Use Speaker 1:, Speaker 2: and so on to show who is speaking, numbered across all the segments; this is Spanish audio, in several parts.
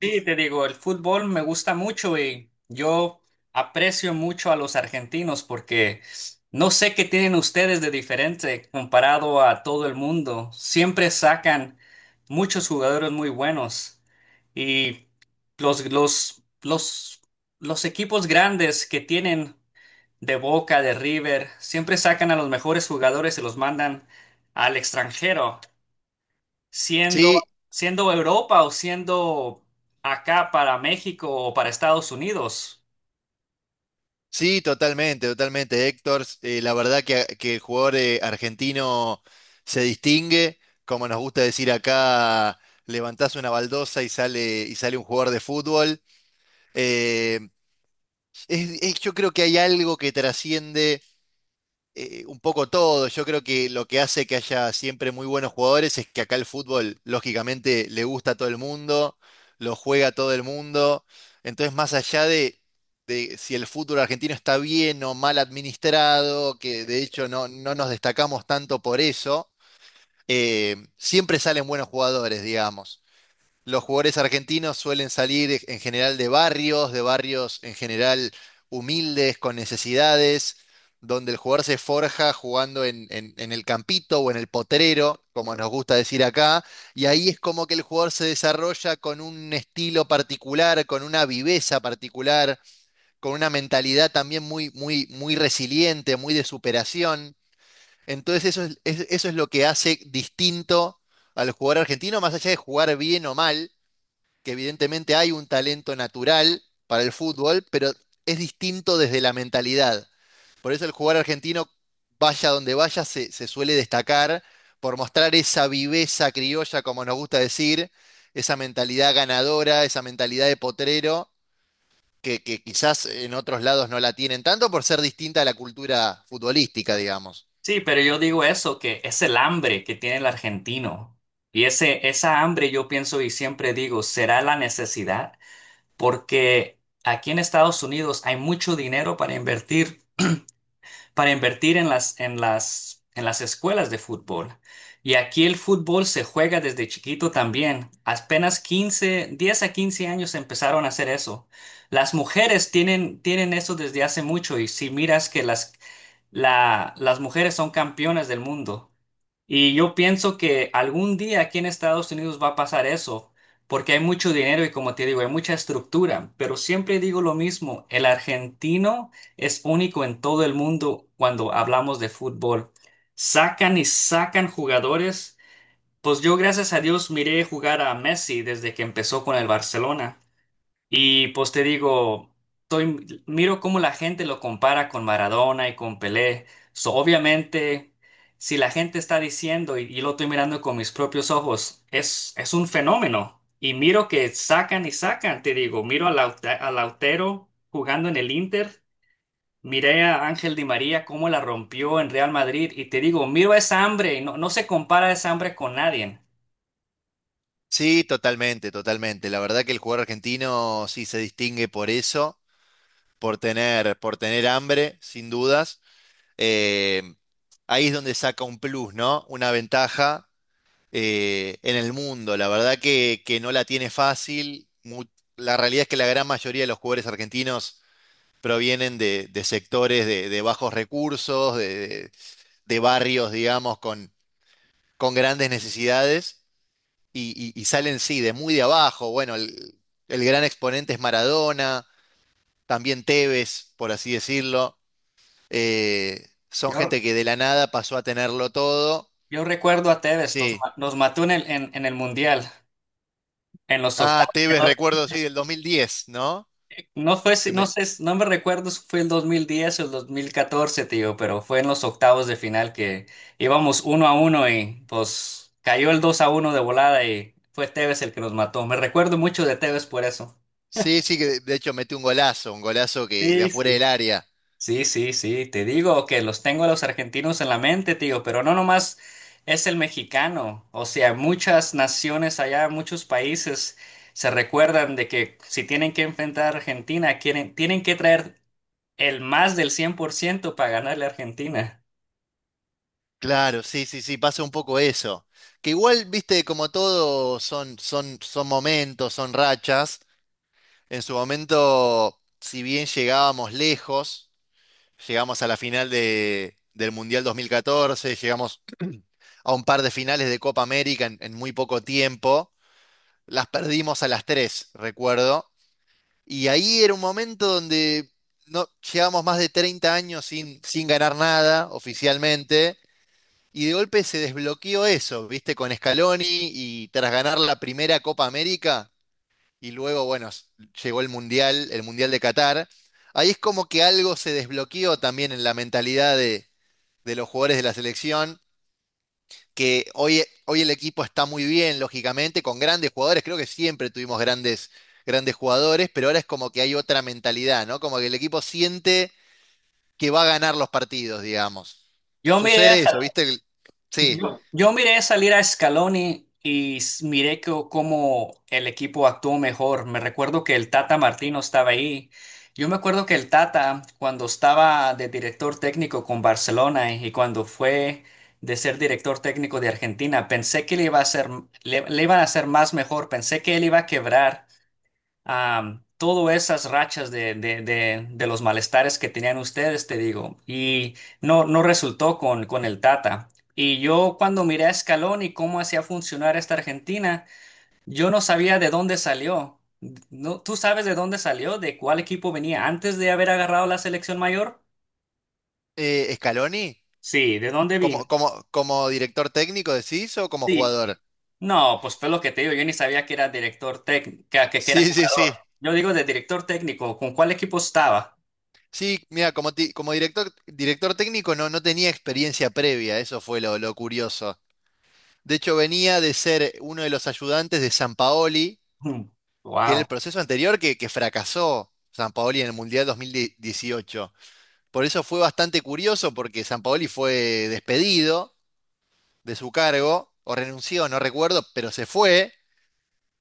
Speaker 1: Sí, te digo, el fútbol me gusta mucho y yo aprecio mucho a los argentinos porque no sé qué tienen ustedes de diferente comparado a todo el mundo. Siempre sacan muchos jugadores muy buenos y los, los, los, los equipos grandes que tienen de Boca, de River, siempre sacan a los mejores jugadores y los mandan al extranjero siendo,
Speaker 2: Sí,
Speaker 1: siendo Europa o siendo acá para México o para Estados Unidos.
Speaker 2: sí, totalmente, totalmente. Héctor, la verdad que el jugador argentino se distingue, como nos gusta decir acá, levantás una baldosa y sale un jugador de fútbol. Eh, yo creo que hay algo que trasciende un poco todo. Yo creo que lo que hace que haya siempre muy buenos jugadores es que acá el fútbol, lógicamente, le gusta a todo el mundo, lo juega a todo el mundo. Entonces, más allá de si el fútbol argentino está bien o mal administrado, que de hecho no nos destacamos tanto por eso, siempre salen buenos jugadores, digamos. Los jugadores argentinos suelen salir en general de barrios en general humildes, con necesidades, donde el jugador se forja jugando en el campito o en el potrero, como nos gusta decir acá, y ahí es como que el jugador se desarrolla con un estilo particular, con una viveza particular, con una mentalidad también muy, muy, muy resiliente, muy de superación. Entonces eso es lo que hace distinto al jugador argentino, más allá de jugar bien o mal, que evidentemente hay un talento natural para el fútbol, pero es distinto desde la mentalidad. Por eso el jugador argentino, vaya donde vaya, se suele destacar por mostrar esa viveza criolla, como nos gusta decir, esa mentalidad ganadora, esa mentalidad de potrero, que quizás en otros lados no la tienen tanto por ser distinta a la cultura futbolística, digamos.
Speaker 1: Sí, pero yo digo eso, que es el hambre que tiene el argentino. Y esa hambre yo pienso y siempre digo, será la necesidad, porque aquí en Estados Unidos hay mucho dinero para invertir en las escuelas de fútbol. Y aquí el fútbol se juega desde chiquito también. Apenas 15 10 a 15 años empezaron a hacer eso. Las mujeres tienen eso desde hace mucho y si miras las mujeres son campeonas del mundo. Y yo pienso que algún día aquí en Estados Unidos va a pasar eso, porque hay mucho dinero y como te digo, hay mucha estructura, pero siempre digo lo mismo, el argentino es único en todo el mundo cuando hablamos de fútbol. Sacan y sacan jugadores. Pues yo, gracias a Dios, miré jugar a Messi desde que empezó con el Barcelona. Y pues te digo, miro cómo la gente lo compara con Maradona y con Pelé. So, obviamente, si la gente está diciendo y lo estoy mirando con mis propios ojos, es un fenómeno. Y miro que sacan y sacan, te digo, a Lautero jugando en el Inter, miré a Ángel Di María cómo la rompió en Real Madrid y te digo, miro esa hambre, y no se compara esa hambre con nadie.
Speaker 2: Sí, totalmente, totalmente. La verdad que el jugador argentino sí se distingue por eso, por tener hambre, sin dudas. Eh, ahí es donde saca un plus, ¿no? Una ventaja en el mundo. La verdad que no la tiene fácil. La realidad es que la gran mayoría de los jugadores argentinos provienen de sectores de bajos recursos, de barrios, digamos, con grandes necesidades y salen, sí, de muy de abajo. Bueno, el gran exponente es Maradona, también Tevez, por así decirlo. Son
Speaker 1: Yo,
Speaker 2: gente que de la nada pasó a tenerlo todo.
Speaker 1: yo recuerdo a Tevez,
Speaker 2: Sí.
Speaker 1: nos mató en en el Mundial. En los
Speaker 2: Ah,
Speaker 1: octavos,
Speaker 2: Tevez, recuerdo, sí, del 2010, ¿no?
Speaker 1: no fue,
Speaker 2: Que
Speaker 1: si-
Speaker 2: me-
Speaker 1: no sé, no me recuerdo si fue el 2010 o el 2014, tío, pero fue en los octavos de final que íbamos uno a uno y pues cayó el 2 a uno de volada y fue Tevez el que nos mató. Me recuerdo mucho de Tevez por eso.
Speaker 2: Sí, sí, que de hecho metió un golazo que de
Speaker 1: Sí,
Speaker 2: afuera
Speaker 1: sí.
Speaker 2: del área.
Speaker 1: Sí, sí, sí, te digo que los tengo a los argentinos en la mente, tío, pero no nomás es el mexicano, o sea, muchas naciones allá, muchos países se recuerdan de que si tienen que enfrentar a Argentina, tienen que traer el más del 100% para ganarle a Argentina.
Speaker 2: Claro, sí, sí, sí, pasa un poco eso. Que igual, viste, como todo son momentos, son rachas. En su momento, si bien llegábamos lejos, llegamos a la final del Mundial 2014, llegamos a un par de finales de Copa América en muy poco tiempo. Las perdimos a las tres, recuerdo. Y ahí era un momento donde no, llevamos más de 30 años sin ganar nada oficialmente. Y de golpe se desbloqueó eso, ¿viste? Con Scaloni y tras ganar la primera Copa América y luego, bueno, llegó el Mundial de Qatar. Ahí es como que algo se desbloqueó también en la mentalidad de los jugadores de la selección, que hoy, hoy el equipo está muy bien, lógicamente, con grandes jugadores. Creo que siempre tuvimos grandes, grandes jugadores, pero ahora es como que hay otra mentalidad, ¿no? Como que el equipo siente que va a ganar los partidos, digamos.
Speaker 1: Yo miré a,
Speaker 2: Sucede
Speaker 1: sa-
Speaker 2: eso, ¿viste? Sí.
Speaker 1: yo miré salir a Scaloni y cómo el equipo actuó mejor. Me recuerdo que el Tata Martino estaba ahí. Yo me acuerdo que el Tata, cuando estaba de director técnico con Barcelona y cuando fue de ser director técnico de Argentina, pensé que le iba a hacer, le iban a hacer más mejor. Pensé que él iba a quebrar a todas esas rachas de los malestares que tenían ustedes, te digo, y no resultó con el Tata. Y yo cuando miré a Scaloni y cómo hacía funcionar esta Argentina, yo no sabía de dónde salió. No, ¿tú sabes de dónde salió? ¿De cuál equipo venía antes de haber agarrado la selección mayor?
Speaker 2: Scaloni,
Speaker 1: Sí, ¿de dónde vino?
Speaker 2: como, como, como director técnico, decís, o como
Speaker 1: Sí.
Speaker 2: jugador.
Speaker 1: No, pues fue lo que te digo, yo ni sabía que era director técnico, que era
Speaker 2: Sí, sí,
Speaker 1: jugador.
Speaker 2: sí.
Speaker 1: Yo digo de director técnico, ¿con cuál equipo estaba?
Speaker 2: Sí, mira, como director, director técnico no, no tenía experiencia previa, eso fue lo curioso. De hecho, venía de ser uno de los ayudantes de Sampaoli, que era
Speaker 1: Wow.
Speaker 2: el proceso anterior que fracasó Sampaoli en el Mundial 2018. Por eso fue bastante curioso, porque Sampaoli fue despedido de su cargo, o renunció, no recuerdo, pero se fue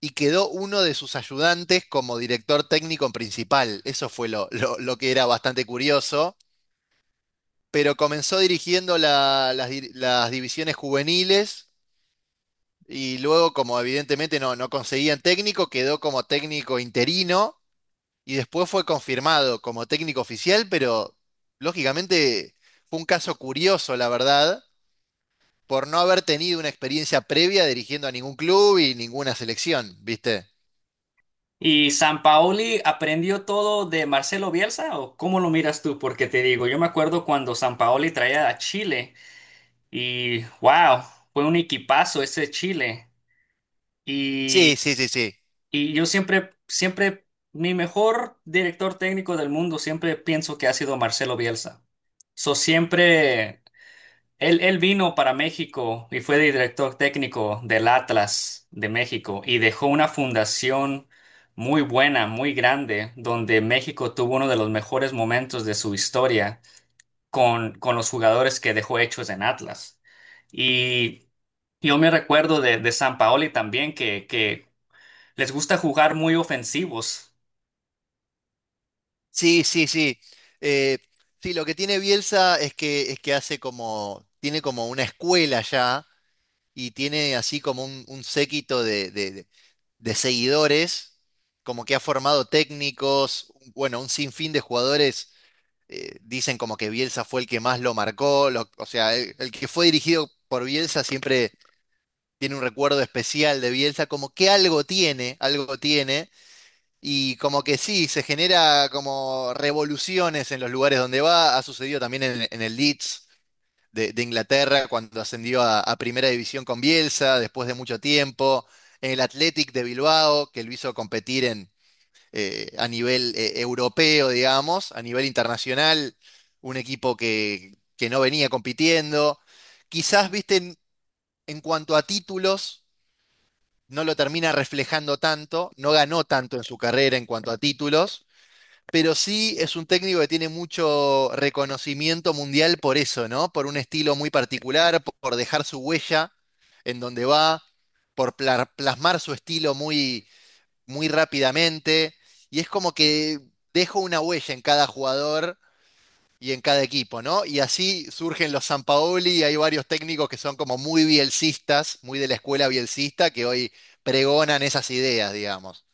Speaker 2: y quedó uno de sus ayudantes como director técnico principal. Eso fue lo que era bastante curioso. Pero comenzó dirigiendo las divisiones juveniles y luego, como evidentemente no, no conseguían técnico, quedó como técnico interino y después fue confirmado como técnico oficial, pero lógicamente fue un caso curioso, la verdad, por no haber tenido una experiencia previa dirigiendo a ningún club y ninguna selección, ¿viste?
Speaker 1: ¿Y San Paoli aprendió todo de Marcelo Bielsa o cómo lo miras tú? Porque te digo, yo me acuerdo cuando San Paoli traía a Chile y wow, fue un equipazo ese Chile.
Speaker 2: Sí,
Speaker 1: Y,
Speaker 2: sí, sí, sí.
Speaker 1: y yo mi mejor director técnico del mundo siempre pienso que ha sido Marcelo Bielsa. So siempre. Él vino para México y fue director técnico del Atlas de México y dejó una fundación muy buena, muy grande, donde México tuvo uno de los mejores momentos de su historia con los jugadores que dejó hechos en Atlas. Y yo me recuerdo de Sampaoli también, que les gusta jugar muy ofensivos.
Speaker 2: Sí, sí, sí. Eh, sí, lo que tiene Bielsa es es que hace como, tiene como una escuela ya y tiene así como un séquito de seguidores, como que ha formado técnicos, bueno, un sinfín de jugadores dicen como que Bielsa fue el que más lo marcó, o sea, el que fue dirigido por Bielsa siempre tiene un recuerdo especial de Bielsa, como que algo tiene, y como que sí, se genera como revoluciones en los lugares donde va, ha sucedido también en el Leeds de Inglaterra cuando ascendió a Primera División con Bielsa después de mucho tiempo, en el Athletic de Bilbao, que lo hizo competir en a nivel europeo, digamos, a nivel internacional, un equipo que no venía compitiendo. Quizás, viste, en cuanto a títulos, no lo termina reflejando tanto, no ganó tanto en su carrera en cuanto a títulos, pero sí es un técnico que tiene mucho reconocimiento mundial por eso, ¿no? Por un estilo muy particular, por dejar su huella en donde va, por plasmar su estilo muy muy rápidamente y es como que dejo una huella en cada jugador y en cada equipo, ¿no? Y así surgen los Sampaoli y hay varios técnicos que son como muy bielcistas, muy de la escuela bielcista, que hoy pregonan esas ideas, digamos.